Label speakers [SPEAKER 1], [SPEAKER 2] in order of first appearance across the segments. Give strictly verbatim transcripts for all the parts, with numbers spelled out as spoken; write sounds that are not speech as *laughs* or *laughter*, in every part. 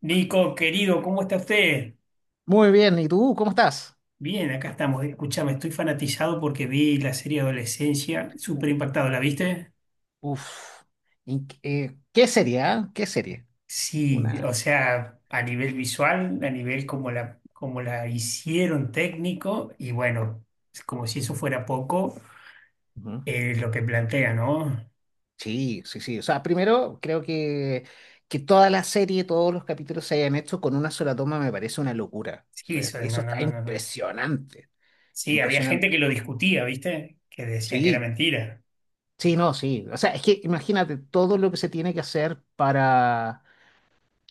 [SPEAKER 1] Nico, querido, ¿cómo está usted?
[SPEAKER 2] Muy bien, ¿y tú cómo estás?
[SPEAKER 1] Bien, acá estamos. Escúchame, estoy fanatizado porque vi la serie Adolescencia, súper impactado. ¿La viste?
[SPEAKER 2] Uf, ¿en qué eh, qué serie? ah? ¿Qué serie?
[SPEAKER 1] Sí, o
[SPEAKER 2] Una.
[SPEAKER 1] sea, a nivel visual, a nivel como la, como la hicieron técnico, y bueno, es como si eso fuera poco,
[SPEAKER 2] Ujú.
[SPEAKER 1] eh, lo que plantea, ¿no?
[SPEAKER 2] Sí, sí, sí. o sea, primero creo que, que toda la serie, todos los capítulos se hayan hecho con una sola toma me parece una locura. O
[SPEAKER 1] Sí,
[SPEAKER 2] sea,
[SPEAKER 1] eso, no,
[SPEAKER 2] eso
[SPEAKER 1] no,
[SPEAKER 2] está
[SPEAKER 1] no, no, no.
[SPEAKER 2] impresionante,
[SPEAKER 1] Sí, había gente
[SPEAKER 2] impresionante.
[SPEAKER 1] que lo discutía, ¿viste? Que decían que era
[SPEAKER 2] Sí,
[SPEAKER 1] mentira.
[SPEAKER 2] sí, no, sí, o sea, es que imagínate todo lo que se tiene que hacer para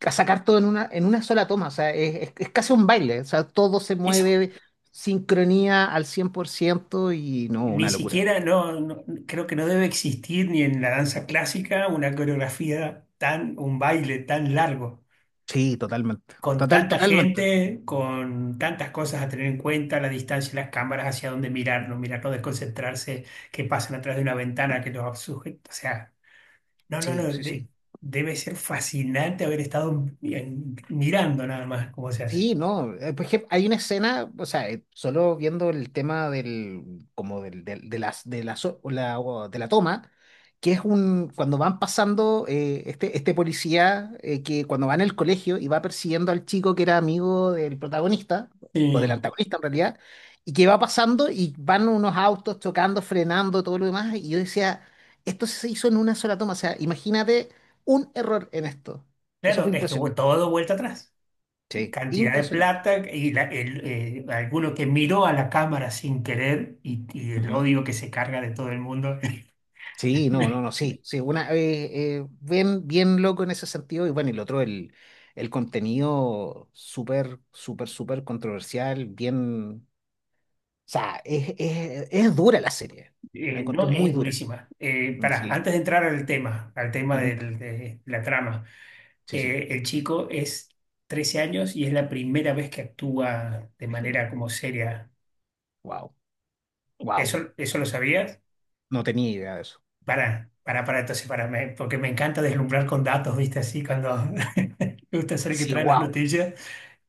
[SPEAKER 2] a sacar todo en una, en una sola toma, o sea, es, es- es casi un baile, o sea, todo se
[SPEAKER 1] Eso
[SPEAKER 2] mueve, sincronía al cien por ciento y no,
[SPEAKER 1] Ni
[SPEAKER 2] una locura.
[SPEAKER 1] siquiera, no, no- Creo que no debe existir ni en la danza clásica una coreografía tan, un baile tan largo,
[SPEAKER 2] Sí, totalmente,
[SPEAKER 1] con
[SPEAKER 2] total,
[SPEAKER 1] tanta
[SPEAKER 2] totalmente.
[SPEAKER 1] gente, con tantas cosas a tener en cuenta, la distancia, las cámaras, hacia dónde mirar, no mirar, no desconcentrarse, que pasan atrás de una ventana, que los sujetos, o sea, no, no,
[SPEAKER 2] Sí,
[SPEAKER 1] no,
[SPEAKER 2] sí, sí.
[SPEAKER 1] de- debe ser fascinante haber estado en- mirando nada más cómo se hace.
[SPEAKER 2] Sí, no. eh, Por ejemplo, hay una escena, o sea, eh, solo viendo el tema del, como del, del- de las, de la, so- o la- o de la toma, que es un, cuando van pasando, eh, este, este policía, eh, que cuando va en el colegio y va persiguiendo al chico que era amigo del protagonista, o del
[SPEAKER 1] Sí.
[SPEAKER 2] antagonista en realidad, y que va pasando y van unos autos chocando, frenando, todo lo demás, y yo decía, esto se hizo en una sola toma, o sea, imagínate un error en esto. Eso
[SPEAKER 1] Claro,
[SPEAKER 2] fue
[SPEAKER 1] es que vu-
[SPEAKER 2] impresionante.
[SPEAKER 1] todo vuelta atrás.
[SPEAKER 2] Sí,
[SPEAKER 1] Cantidad de
[SPEAKER 2] impresionante.
[SPEAKER 1] plata y la- el, eh, alguno que miró a la cámara sin querer y, y el
[SPEAKER 2] Ujú.
[SPEAKER 1] odio que se carga de todo el mundo.
[SPEAKER 2] Sí,
[SPEAKER 1] *laughs*
[SPEAKER 2] no, no,
[SPEAKER 1] Me-
[SPEAKER 2] no, sí, sí, una, eh, eh, bien, bien loco en ese sentido, y bueno, y lo otro, el, el contenido súper, súper, súper controversial, bien, o sea, es, es, es dura la serie, la
[SPEAKER 1] eh,
[SPEAKER 2] encontré
[SPEAKER 1] no,
[SPEAKER 2] muy
[SPEAKER 1] es
[SPEAKER 2] dura.
[SPEAKER 1] durísima. Eh,
[SPEAKER 2] Mm,
[SPEAKER 1] pará,
[SPEAKER 2] sí.
[SPEAKER 1] antes de entrar al tema, al tema
[SPEAKER 2] Ujú.
[SPEAKER 1] del- de la trama,
[SPEAKER 2] Sí, sí,
[SPEAKER 1] eh, el chico es trece años y es la primera vez que actúa de
[SPEAKER 2] imagino.
[SPEAKER 1] manera como seria.
[SPEAKER 2] Wow, wow,
[SPEAKER 1] ¿Eso, eso lo sabías?
[SPEAKER 2] no tenía idea de eso,
[SPEAKER 1] Para, para, para, entonces, para, me- porque me encanta deslumbrar con datos, ¿viste? Así, cuando *laughs* me gusta ser el que
[SPEAKER 2] sí,
[SPEAKER 1] trae las
[SPEAKER 2] wow,
[SPEAKER 1] noticias.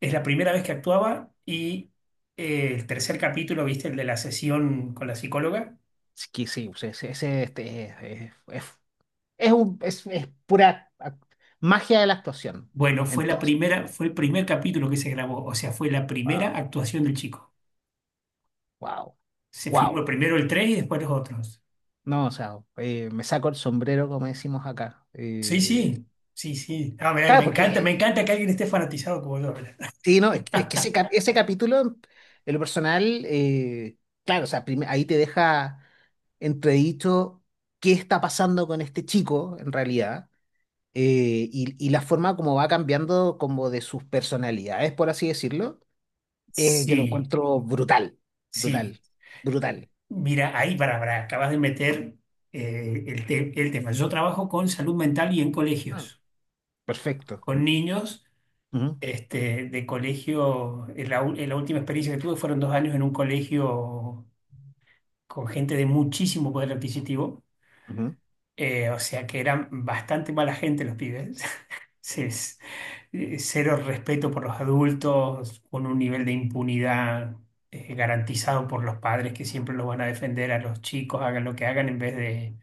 [SPEAKER 1] Es la primera vez que actuaba y eh, el tercer capítulo, ¿viste? El de la sesión con la psicóloga.
[SPEAKER 2] sí, que sí, o sea, ese, ese- este, es, es, es, es un- es- es pura ac- magia de la actuación,
[SPEAKER 1] Bueno, fue
[SPEAKER 2] en
[SPEAKER 1] la
[SPEAKER 2] todo sentido.
[SPEAKER 1] primera, fue el primer capítulo que se grabó, o sea, fue la primera
[SPEAKER 2] Wow,
[SPEAKER 1] actuación del chico.
[SPEAKER 2] wow,
[SPEAKER 1] Se filmó
[SPEAKER 2] wow.
[SPEAKER 1] primero el tres y después los otros.
[SPEAKER 2] No, o sea, eh, me saco el sombrero, como decimos acá.
[SPEAKER 1] Sí,
[SPEAKER 2] Eh,
[SPEAKER 1] sí, sí, sí. Ah, me, me
[SPEAKER 2] claro,
[SPEAKER 1] encanta,
[SPEAKER 2] porque,
[SPEAKER 1] me encanta que alguien esté fanatizado como yo. ¿Verdad?
[SPEAKER 2] *laughs* sí, no, es que, es que ese, cap- ese capítulo, en lo personal, eh, claro, o sea, prim- ahí te deja entredicho qué está pasando con este chico, en realidad, eh, y, y la forma como va cambiando como de sus personalidades, por así decirlo, eh, yo lo
[SPEAKER 1] Sí,
[SPEAKER 2] encuentro brutal,
[SPEAKER 1] sí.
[SPEAKER 2] brutal, brutal.
[SPEAKER 1] Mira, ahí para, para, acabas de meter eh, el, te- el tema. Yo trabajo con salud mental y en
[SPEAKER 2] Ah,
[SPEAKER 1] colegios,
[SPEAKER 2] perfecto.
[SPEAKER 1] con niños
[SPEAKER 2] Ujú,
[SPEAKER 1] este, de colegio. En La, u- en la última experiencia que tuve fueron dos años en un colegio con gente de muchísimo poder adquisitivo,
[SPEAKER 2] ujú.
[SPEAKER 1] eh, o sea que eran bastante mala gente los pibes. *laughs* Se- s- eh, Cero respeto por los adultos, con un nivel de impunidad eh, garantizado por los padres que siempre los van a defender a los chicos, hagan lo que hagan, en vez de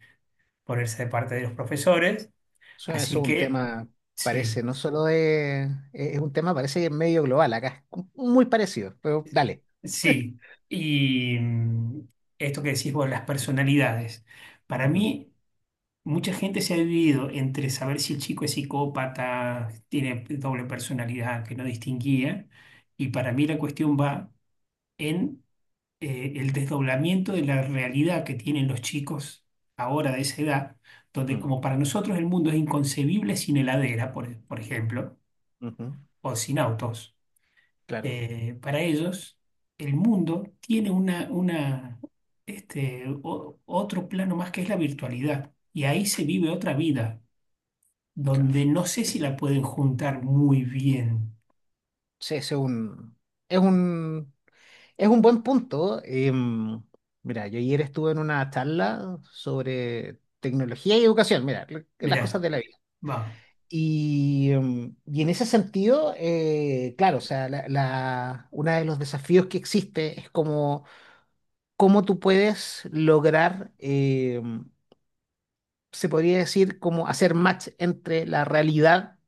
[SPEAKER 1] ponerse de parte de los profesores.
[SPEAKER 2] Eso eso
[SPEAKER 1] Así
[SPEAKER 2] es un
[SPEAKER 1] que
[SPEAKER 2] tema, parece,
[SPEAKER 1] sí,
[SPEAKER 2] no solo de... Es es un tema, parece que es medio global acá. Es muy parecido, pero dale.
[SPEAKER 1] sí. Y mm, esto que decís vos, las personalidades. Para
[SPEAKER 2] Ujú,
[SPEAKER 1] mí, mucha gente se ha dividido entre saber si el chico es psicópata, tiene doble personalidad, que no distinguía. Y para mí la cuestión va en eh, el desdoblamiento de la realidad que tienen los chicos ahora de esa edad, donde
[SPEAKER 2] mm,
[SPEAKER 1] como para nosotros el mundo es inconcebible sin heladera, por por ejemplo,
[SPEAKER 2] ujú.
[SPEAKER 1] o sin autos
[SPEAKER 2] Claro,
[SPEAKER 1] eh, para ellos, el mundo tiene una, una, este, o- otro plano más que es la virtualidad. Y ahí se vive otra vida,
[SPEAKER 2] claro.
[SPEAKER 1] donde no sé si la pueden juntar muy bien.
[SPEAKER 2] Sí, ese es un... Es un, es un buen punto. Em, mira, yo ayer estuve en una charla sobre tecnología y educación. Mira, lo- las
[SPEAKER 1] Mirá,
[SPEAKER 2] cosas de la vida.
[SPEAKER 1] vamos,
[SPEAKER 2] Y, em, y en ese sentido, eh, claro, o sea, la, la- uno de los desafíos que existe es como cómo tú puedes lograr, eh, se podría decir, como hacer match entre la realidad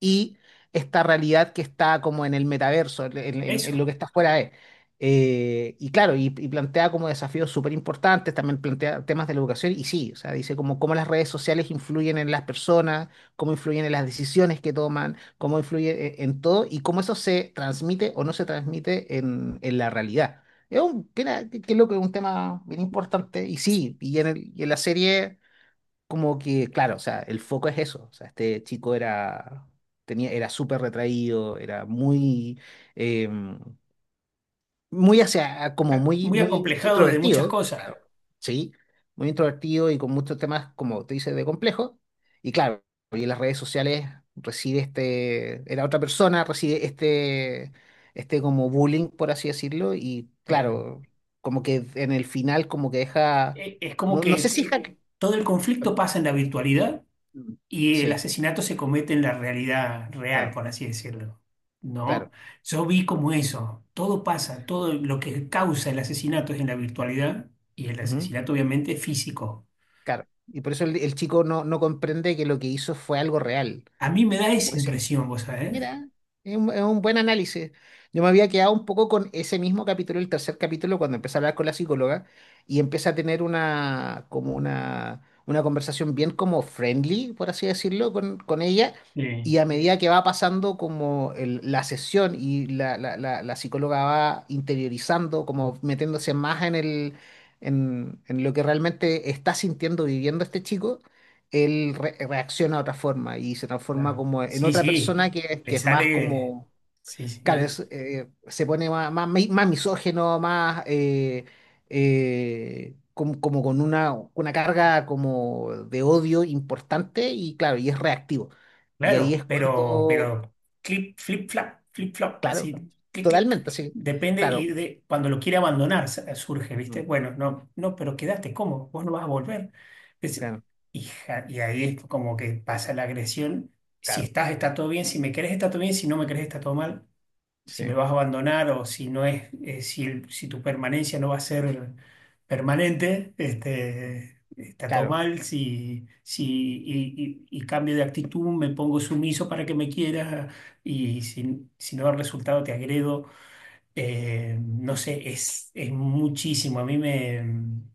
[SPEAKER 2] y esta realidad que está como en el metaverso, en, en- en lo
[SPEAKER 1] eso.
[SPEAKER 2] que está fuera de. Eh, y claro, y, y plantea como desafíos súper importantes, también plantea temas de la educación y sí, o sea, dice como cómo las redes sociales influyen en las personas, cómo influyen en las decisiones que toman, cómo influye eh, en todo y cómo eso se transmite o no se transmite en, en la realidad. Es un, que, era- que- que es lo que es un tema bien importante y sí, y en el- y en la serie como que, claro, o sea, el foco es eso. O sea, este chico era, tenía, era súper retraído, era muy, eh, muy hacia, como
[SPEAKER 1] Ah,
[SPEAKER 2] muy,
[SPEAKER 1] muy
[SPEAKER 2] muy
[SPEAKER 1] acomplejado de muchas
[SPEAKER 2] introvertido,
[SPEAKER 1] cosas.
[SPEAKER 2] claro, sí, muy introvertido y con muchos temas, como te dices, de complejo. Y claro, y en las redes sociales recibe este, era otra persona, recibe este, este como bullying, por así decirlo, y
[SPEAKER 1] Claro.
[SPEAKER 2] claro, como que en el final, como que deja,
[SPEAKER 1] E- Es como
[SPEAKER 2] no, no sé
[SPEAKER 1] que
[SPEAKER 2] si
[SPEAKER 1] eh,
[SPEAKER 2] deja,
[SPEAKER 1] todo el conflicto pasa en la virtualidad y el
[SPEAKER 2] sí,
[SPEAKER 1] asesinato se comete en la realidad real,
[SPEAKER 2] claro.
[SPEAKER 1] por así decirlo,
[SPEAKER 2] Claro.
[SPEAKER 1] ¿no? Yo vi como eso, todo pasa, todo lo que causa el asesinato es en la virtualidad y el
[SPEAKER 2] Ujú.
[SPEAKER 1] asesinato obviamente es físico.
[SPEAKER 2] Claro. Y por eso el, el chico no, no comprende que lo que hizo fue algo real.
[SPEAKER 1] A mí me da esa
[SPEAKER 2] Porque se,
[SPEAKER 1] impresión, vos sabés.
[SPEAKER 2] mira, es un, es un buen análisis. Yo me había quedado un poco con ese mismo capítulo, el tercer capítulo, cuando empieza a hablar con la psicóloga y empieza a tener una, como una, una conversación bien como friendly, por así decirlo, con, con ella.
[SPEAKER 1] Sí,
[SPEAKER 2] Y a medida que va pasando como el- la sesión y la, la, la, la psicóloga va interiorizando, como metiéndose más en el, en, en lo que realmente está sintiendo, viviendo este chico él re- reacciona de otra forma y se transforma
[SPEAKER 1] claro.
[SPEAKER 2] como en
[SPEAKER 1] Sí,
[SPEAKER 2] otra
[SPEAKER 1] sí,
[SPEAKER 2] persona que,
[SPEAKER 1] le
[SPEAKER 2] que es más
[SPEAKER 1] sale,
[SPEAKER 2] como,
[SPEAKER 1] sí,
[SPEAKER 2] claro,
[SPEAKER 1] sí.
[SPEAKER 2] es, eh, se pone más, más, mi- más misógino, más eh, eh, como, como con una, una carga como de odio importante y claro, y es reactivo. Y ahí
[SPEAKER 1] Claro,
[SPEAKER 2] es
[SPEAKER 1] pero,
[SPEAKER 2] cuando,
[SPEAKER 1] pero clip, flip, flap, flip, flop,
[SPEAKER 2] claro,
[SPEAKER 1] así, clic, clic.
[SPEAKER 2] totalmente, sí,
[SPEAKER 1] Depende y
[SPEAKER 2] claro,
[SPEAKER 1] de cuando lo quiere abandonar sa- surge, ¿viste?
[SPEAKER 2] ujú,
[SPEAKER 1] Bueno, no, no, pero quedaste, ¿cómo? Vos no vas a volver. Es-
[SPEAKER 2] claro,
[SPEAKER 1] Hija, y ahí es como que pasa la agresión. Si
[SPEAKER 2] claro,
[SPEAKER 1] estás, está todo bien. Si me querés, está todo bien. Si no me querés, está todo mal si me
[SPEAKER 2] sí,
[SPEAKER 1] vas a abandonar o si no es, eh, si, el- si tu permanencia no va a ser permanente, este, está todo
[SPEAKER 2] claro,
[SPEAKER 1] mal, si, si, y, y- y cambio de actitud, me pongo sumiso para que me quieras y si, si no da resultado te agredo. Eh, no sé, es, es muchísimo. A mí me, en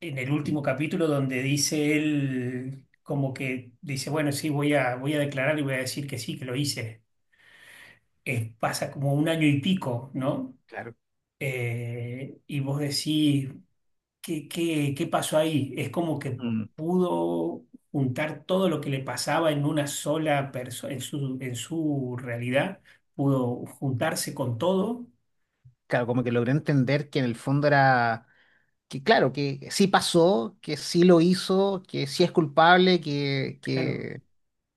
[SPEAKER 1] el último capítulo donde dice él... como que dice, bueno, sí, voy a, voy a declarar y voy a decir que sí, que lo hice. Eh, pasa como un año y pico, ¿no?
[SPEAKER 2] claro.
[SPEAKER 1] Eh, y vos decís, ¿qué, qué, qué pasó ahí? Es como que
[SPEAKER 2] Mm.
[SPEAKER 1] pudo juntar todo lo que le pasaba en una sola persona, en su, en su realidad, pudo juntarse con todo.
[SPEAKER 2] Claro, como que logré entender que en el fondo era que claro, que sí pasó, que sí lo hizo, que sí es culpable, que,
[SPEAKER 1] Claro.
[SPEAKER 2] que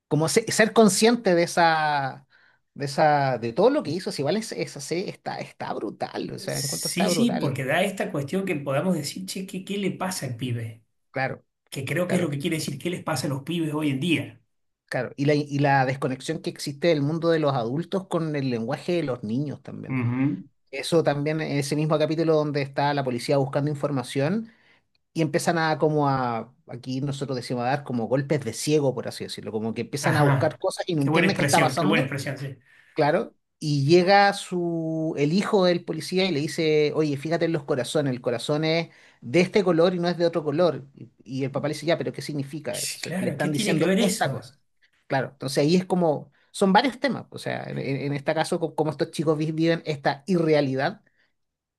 [SPEAKER 2] como se- ser consciente de esa, de esa, de todo lo que hizo, si vale es es así está, está brutal, o sea, encuentro
[SPEAKER 1] Sí,
[SPEAKER 2] está
[SPEAKER 1] sí, porque
[SPEAKER 2] brutal,
[SPEAKER 1] da esta cuestión que podamos decir, che, ¿qué, qué le pasa al pibe?
[SPEAKER 2] claro,
[SPEAKER 1] Que creo que es lo
[SPEAKER 2] claro,
[SPEAKER 1] que quiere decir, ¿qué les pasa a los pibes hoy en día?
[SPEAKER 2] claro. Y la, y la desconexión que existe del mundo de los adultos con el lenguaje de los niños también.
[SPEAKER 1] Ujú.
[SPEAKER 2] Eso también, en ese mismo capítulo donde está la policía buscando información. Y empiezan a como a, aquí nosotros decimos a dar como golpes de ciego, por así decirlo, como que empiezan a buscar
[SPEAKER 1] Ajá.
[SPEAKER 2] cosas y no
[SPEAKER 1] Qué buena
[SPEAKER 2] entienden qué está
[SPEAKER 1] expresión, qué buena
[SPEAKER 2] pasando,
[SPEAKER 1] expresión, sí.
[SPEAKER 2] claro, y llega su, el hijo del policía y le dice, oye, fíjate en los corazones, el corazón es de este color y no es de otro color, y, y el papá le dice, ya, pero ¿qué significa?
[SPEAKER 1] Sí,
[SPEAKER 2] Entonces le
[SPEAKER 1] claro, ¿qué
[SPEAKER 2] están
[SPEAKER 1] tiene que
[SPEAKER 2] diciendo
[SPEAKER 1] ver
[SPEAKER 2] esta
[SPEAKER 1] eso?
[SPEAKER 2] cosa, claro, entonces ahí es como, son varios temas, o sea, en, en- en este caso, co- como estos chicos vi- viven esta irrealidad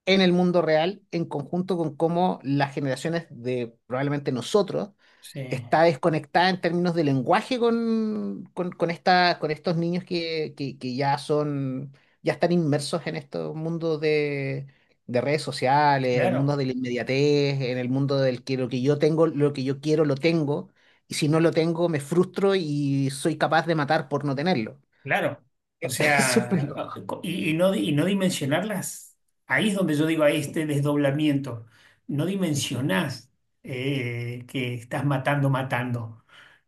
[SPEAKER 2] en el mundo real en conjunto con cómo las generaciones de probablemente nosotros
[SPEAKER 1] Sí,
[SPEAKER 2] está desconectada en términos de lenguaje con, con, con esta, con estos niños que, que- que ya son, ya están inmersos en estos mundos de, de redes sociales, en el mundo
[SPEAKER 1] claro.
[SPEAKER 2] de la inmediatez, en el mundo del que lo que yo tengo, lo que yo quiero, lo tengo, y si no lo tengo, me frustro y soy capaz de matar por no tenerlo.
[SPEAKER 1] Claro, o
[SPEAKER 2] *laughs* es súper
[SPEAKER 1] sea,
[SPEAKER 2] loco.
[SPEAKER 1] y, y no, y no dimensionarlas, ahí es donde yo digo, ahí este desdoblamiento, no
[SPEAKER 2] Ujú,
[SPEAKER 1] dimensionás eh, que estás matando, matando,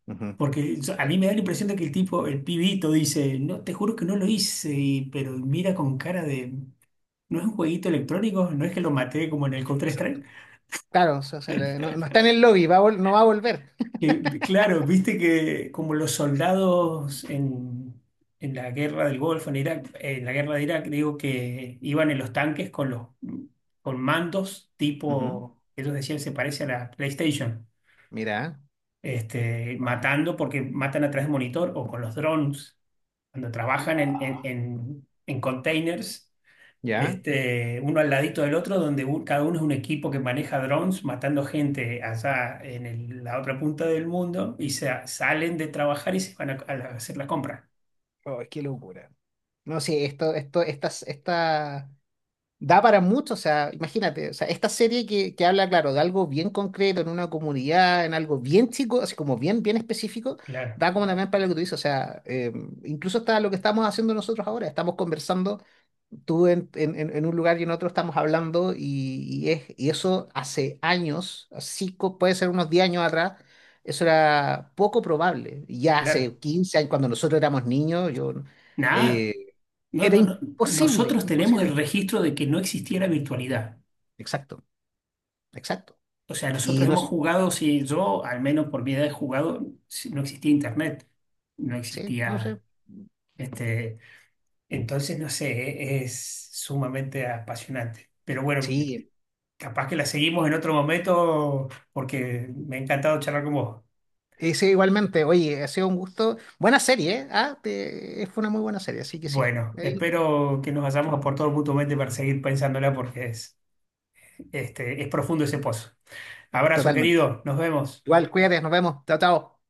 [SPEAKER 2] ujú.
[SPEAKER 1] porque yo- a mí me da la impresión de que el tipo, el pibito dice, no, te juro que no lo hice, y- pero mira con cara de, ¿no es un jueguito electrónico? ¿No es que lo maté como en el
[SPEAKER 2] Sí,
[SPEAKER 1] Counter-Strike?
[SPEAKER 2] claro, o sea, le- no, no está en el lobby, va a vol- no va a volver.
[SPEAKER 1] Que, vi- claro, viste que como los soldados en, en la guerra del Golfo, en Irak, en la guerra de Irak, digo que iban en los tanques con los con mandos
[SPEAKER 2] Ujú.
[SPEAKER 1] tipo, ellos decían se parece a la PlayStation,
[SPEAKER 2] Mira.
[SPEAKER 1] este,
[SPEAKER 2] Wow.
[SPEAKER 1] matando porque matan a través de monitor o con los drones, cuando trabajan en, en, en, en containers
[SPEAKER 2] Ya.
[SPEAKER 1] este, uno al ladito del otro, donde u- cada uno es un equipo que maneja drones matando gente allá en el- la otra punta del mundo y se, salen de trabajar y se van a, a la- a hacer la compra.
[SPEAKER 2] Oh, qué locura. No, sí, esto, esto, estas, esta, da para mucho, o sea, imagínate, o sea, esta serie que, que habla, claro, de algo bien concreto, en una comunidad, en algo bien chico, así como bien, bien específico,
[SPEAKER 1] Claro,
[SPEAKER 2] da como también para lo que tú dices, o sea, eh, incluso hasta lo que estamos haciendo nosotros ahora, estamos conversando, tú en, en- en- en un lugar y en otro estamos hablando, y, y es, y eso hace años, así co- puede ser unos diez años atrás, eso era poco probable. Ya
[SPEAKER 1] claro.
[SPEAKER 2] hace quince años, cuando nosotros éramos niños, yo,
[SPEAKER 1] Nada.
[SPEAKER 2] eh,
[SPEAKER 1] No,
[SPEAKER 2] era
[SPEAKER 1] no, no.
[SPEAKER 2] imposible,
[SPEAKER 1] Nosotros tenemos el
[SPEAKER 2] imposible.
[SPEAKER 1] registro de que no existiera virtualidad.
[SPEAKER 2] Exacto, exacto.
[SPEAKER 1] O sea, nosotros
[SPEAKER 2] Y no,
[SPEAKER 1] hemos
[SPEAKER 2] s-
[SPEAKER 1] jugado, si yo, al menos por mi edad, he jugado, si no existía internet, no
[SPEAKER 2] sí, no sé.
[SPEAKER 1] existía, este, entonces, no sé, e- es sumamente apasionante. Pero bueno,
[SPEAKER 2] Sí,
[SPEAKER 1] capaz que la seguimos en otro momento porque me ha encantado charlar con vos.
[SPEAKER 2] y sí, igualmente. Oye, ha sido un gusto. Buena serie, ¿eh? Ah, te- fue una muy buena serie, así que sí.
[SPEAKER 1] Bueno,
[SPEAKER 2] Ahí,
[SPEAKER 1] espero que nos hayamos aportado mutuamente para seguir pensándola porque es, este, es profundo ese pozo. Abrazo,
[SPEAKER 2] totalmente.
[SPEAKER 1] querido. Nos vemos.
[SPEAKER 2] Igual, cuídate, nos vemos. Chao, chao.